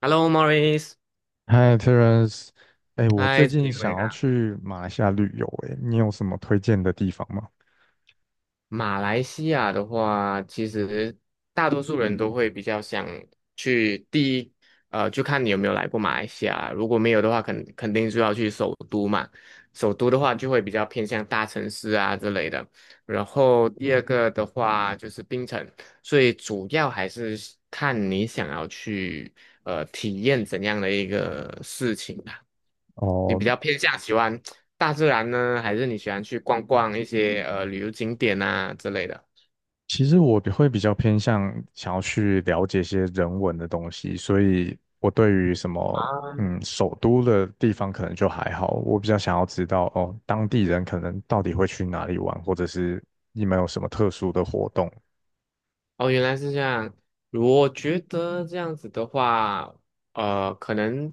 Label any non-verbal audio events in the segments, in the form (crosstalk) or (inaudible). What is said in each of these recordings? Hello, Maurice,嗨，Terence，哎，我嗨，最你近怎么想要样？去马来西亚旅游，哎，你有什么推荐的地方吗？马来西亚的话，其实大多数人都会比较想去第一，就看你有没有来过马来西亚。如果没有的话，肯定就要去首都嘛。首都的话，就会比较偏向大城市啊之类的。然后第二个的话就是槟城，所以主要还是看你想要去体验怎样的一个事情。你比哦，较偏向喜欢大自然呢，还是你喜欢去逛逛一些旅游景点啊之类的？其实我比较偏向想要去了解一些人文的东西，所以我对于什么啊，首都的地方可能就还好，我比较想要知道哦当地人可能到底会去哪里玩，或者是你们有什么特殊的活动。哦，原来是这样。我觉得这样子的话，可能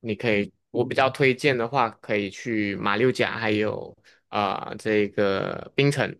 你可以，我比较推荐的话，可以去马六甲，还有啊这个槟城。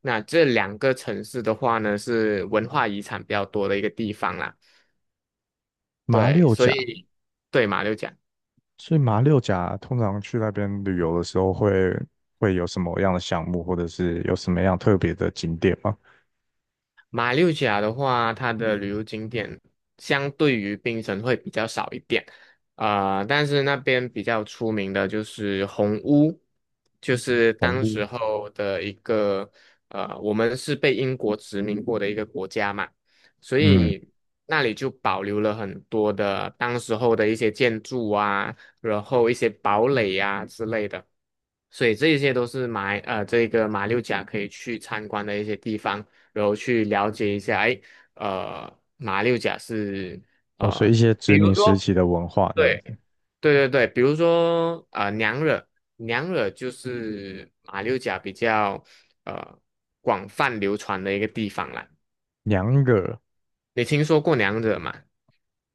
那这两个城市的话呢，是文化遗产比较多的一个地方啦。马对，六所甲，以对马六甲。所以马六甲通常去那边旅游的时候会有什么样的项目，或者是有什么样特别的景点吗？马六甲的话，它的旅游景点相对于槟城会比较少一点，啊、但是那边比较出名的就是红屋，就是红当屋，时候的一个我们是被英国殖民过的一个国家嘛，所嗯，以那里就保留了很多的当时候的一些建筑啊，然后一些堡垒呀、之类的。所以这一些都是这个马六甲可以去参观的一些地方。然后去了解一下，哎，马六甲是哦，所以一呃，些比殖如民时说，期的文化这样对子。对，比如说娘惹，娘惹就是马六甲比较呃广泛流传的一个地方啦。娘惹。你听说过娘惹吗？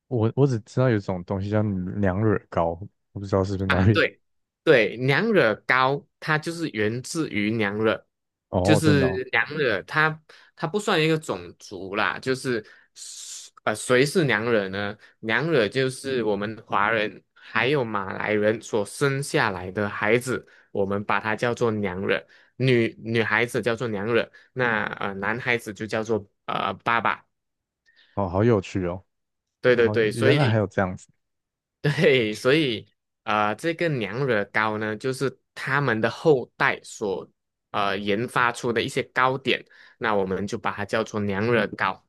我只知道有一种东西叫娘惹糕，我不知道是不是那啊，边。对对，娘惹糕它就是源自于娘惹，就哦，真的哦，是娘惹它不算一个种族啦，就是谁是娘惹呢？娘惹就是我们华人还有马来人所生下来的孩子，我们把它叫做娘惹，女孩子叫做娘惹，那男孩子就叫做爸爸。哦，好有趣哦，对对好有，对，所原来还以 有这样子。(laughs) 对，所以这个娘惹糕呢，就是他们的后代所研发出的一些糕点，那我们就把它叫做娘惹糕。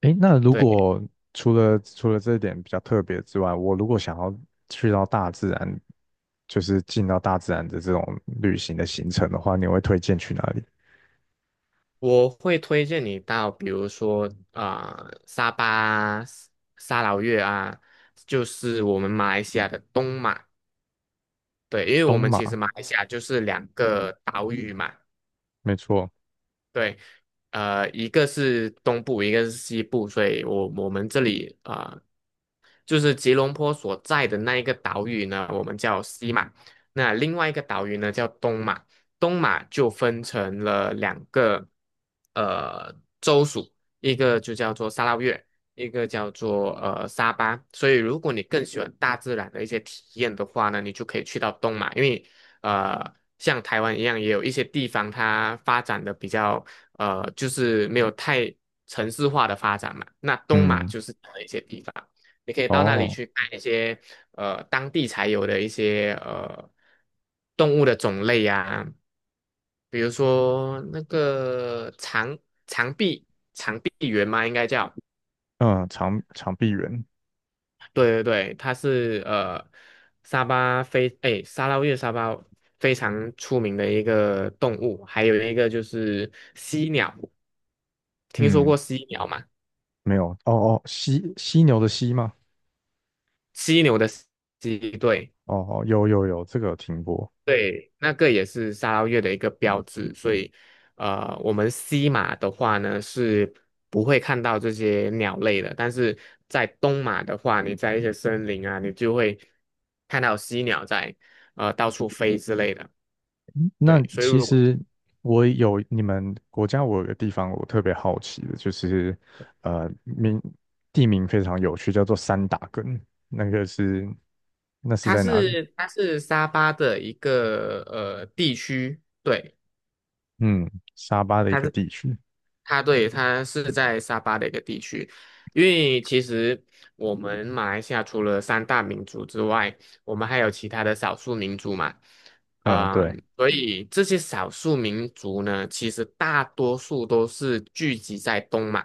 诶，那如对，果除了这一点比较特别之外，我如果想要去到大自然，就是进到大自然的这种旅行的行程的话，你会推荐去哪里？我会推荐你到，比如说沙巴啊沙劳越啊，就是我们马来西亚的东马。对，因为东我们其实马，马来西亚就是两个岛屿嘛，没错，对，一个是东部，一个是西部，所以我们这里啊。就是吉隆坡所在的那一个岛屿呢，我们叫西马，那另外一个岛屿呢叫东马，东马就分成了两个呃州属，一个就叫做沙捞越，一个叫做沙巴。所以如果你更喜欢大自然的一些体验的话呢，你就可以去到东马，因为呃像台湾一样，也有一些地方它发展的比较就是没有太城市化的发展嘛，那东马嗯，就是这样的一些地方。你可以到那里哦，去看一些当地才有的一些动物的种类啊，比如说那个长臂长臂猿嘛，应该叫，嗯，长臂猿，对对对，它是沙捞越沙巴非常出名的一个动物，还有一个就是犀鸟，听说嗯，过犀鸟吗？没有，哦哦，犀牛的犀吗？犀牛的犀，对。哦哦，有有有，这个有听过。对，那个也是沙捞越的一个标志，所以，我们西马的话呢是不会看到这些鸟类的，但是在东马的话，你在一些森林啊，你就会看到犀鸟在到处飞之类的。那对，所以其如果实我有你们国家，我有个地方我特别好奇的，就是名地名非常有趣，叫做三打根，那个是那是在哪里？它是沙巴的一个地区，对。嗯，沙巴的一它个是。地区。它对，它是在沙巴的一个地区，因为其实我们马来西亚除了三大民族之外，我们还有其他的少数民族嘛，嗯，对，嗯，所以这些少数民族呢，其实大多数都是聚集在东马，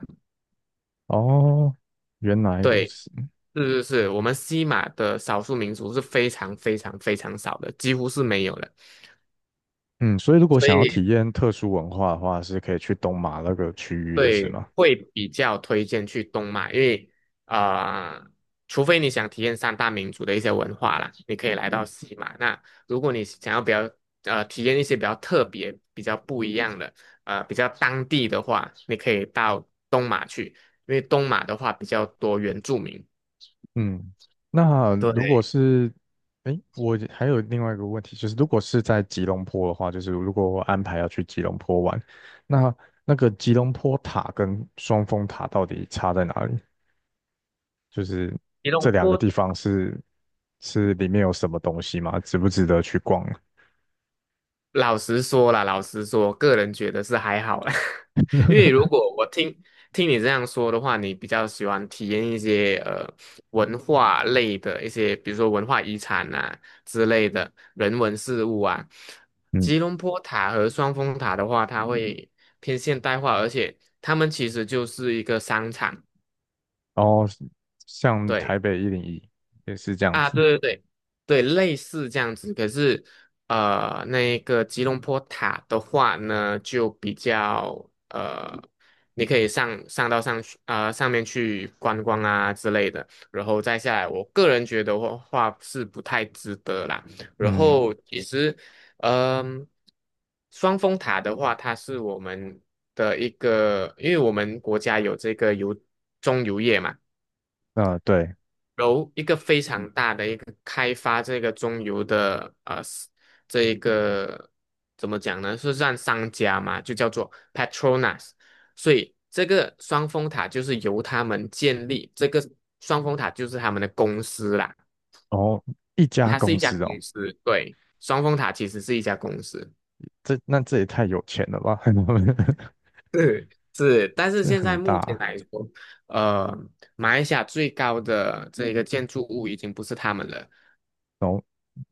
哦，原来如对，此。是是是，我们西马的少数民族是非常非常非常少的，几乎是没有的。嗯，所以如果所想要以体验特殊文化的话，是可以去东马那个区域的，是对，吗？会比较推荐去东马，因为呃，除非你想体验三大民族的一些文化啦，你可以来到西马。那如果你想要比较体验一些比较特别、比较不一样的比较当地的话，你可以到东马去，因为东马的话比较多原住民。嗯，那如果对，是，哎，我还有另外一个问题，就是如果是在吉隆坡的话，就是如果我安排要去吉隆坡玩，那那个吉隆坡塔跟双峰塔到底差在哪里？就是吉这隆两个坡地方是是里面有什么东西吗？值不值得去逛啊？老实说啦，老实说，个人觉得是还好啦。(laughs) 因为如果我听你这样说的话，你比较喜欢体验一些文化类的一些，比如说文化遗产啊之类的人文事物啊。嗯，吉隆坡塔和双峰塔的话，它会偏现代化，而且他们其实就是一个商场。然后像台对。北一零一也是这样啊，子，对对，类似这样子。可是，那个吉隆坡塔的话呢，就比较你可以上到上去上面去观光啊之类的，然后再下来，我个人觉得话是不太值得啦。然嗯，后其实，嗯、双峰塔的话，它是我们的一个，因为我们国家有这个中油业嘛。啊对，由一个非常大的一个开发这个中游的这一个怎么讲呢？是让商家嘛，就叫做 Petronas，所以这个双峰塔就是由他们建立，这个双峰塔就是他们的公司啦，然后一家它是公一家司哦，公司，对，双峰塔其实是一家公司。这那这也太有钱了吧，(laughs) 是是，但是真的现很在目前大。来说，呃，马来西亚最高的这个建筑物已经不是他们了。哦，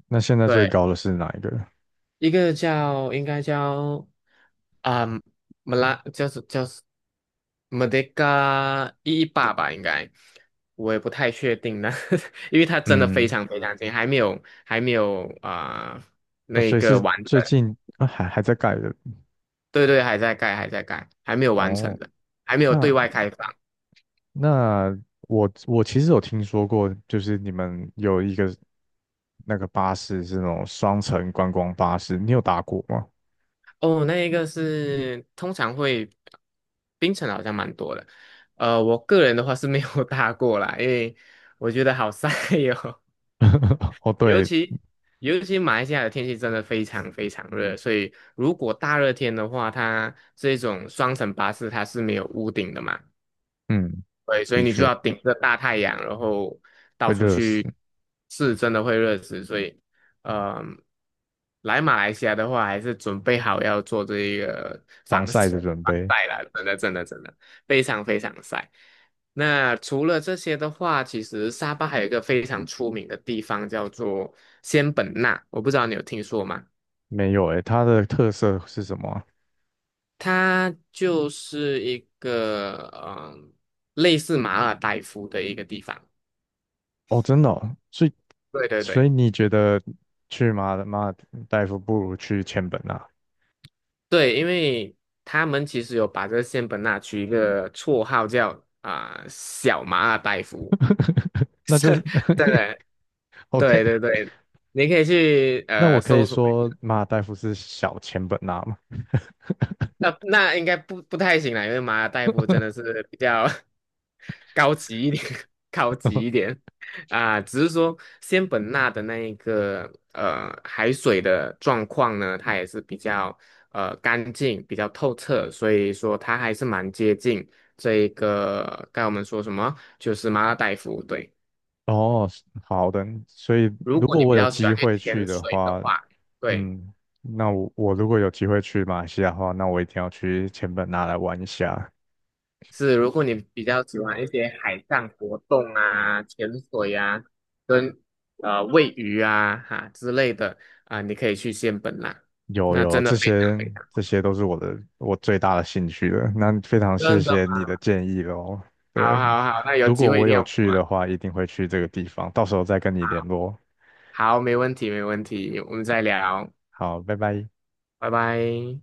那现在最对。高的是哪一个？一个叫应该叫啊，马拉叫是就是马德加一一八吧，应该我也不太确定呢，(laughs) 因为它真的非嗯，常非常近，还没有啊、哦，那所以个是完成，最近啊还在盖的对对，还在盖，还没有完成哦。的，还没有那对外开放。那我其实有听说过，就是你们有一个那个巴士是那种双层观光巴士，你有搭过吗？哦，那一个是通常会冰城好像蛮多的，我个人的话是没有 (laughs) 搭过啦，因为我觉得好晒哟、(laughs) 哦，尤对，其尤其马来西亚的天气真的非常非常热，所以如果大热天的话，它这种双层巴士它是没有屋顶的嘛，嗯，对，所的以你就确要顶着大太阳，然后到会处热去，死，是真的会热死。所以，嗯、来马来西亚的话，还是准备好要做这一个防晒的准防备晒啦，真的真的真的非常非常晒。那除了这些的话，其实沙巴还有一个非常出名的地方叫做仙本那，我不知道你有听说吗？没有诶，它的特色是什么啊。它就是一个嗯、类似马尔代夫的一个地方。哦，真的哦，所以对对所对，以你觉得去马尔代夫不如去千本啊？对，因为他们其实有把这个仙本那取一个绰号叫啊、小马尔代夫，(laughs) (laughs) 那是就是 真的，(laughs) OK。对对对，你可以去那我可搜以索。说马尔代夫是小钱本纳吗？那那应该不太行啦，因为马尔代夫真的是比较 (laughs) 高级一点，(laughs) 高级一点啊。只是说仙本那的那一个海水的状况呢，它也是比较干净、比较透彻，所以说它还是蛮接近这一个该我们说什么，就是马尔代夫。对，哦，好的。所以如如果果你我比有较喜机欢去会去潜的水的话，话，对。嗯，那我如果有机会去马来西亚的话，那我一定要去钱本纳来玩一下。是，如果你比较喜欢一些海上活动啊、潜水啊、跟喂鱼啊哈之类的啊、你可以去仙本那，有那有，真的这非常些非常这些都是我最大的兴趣了。那非常谢真的谢吗你的建议喽。好对，好好，那有如机果会我一定有要过去来，的话，一定会去这个地方，到时候再跟你联好络。好，没问题没问题，我们再聊，好，拜拜。拜拜。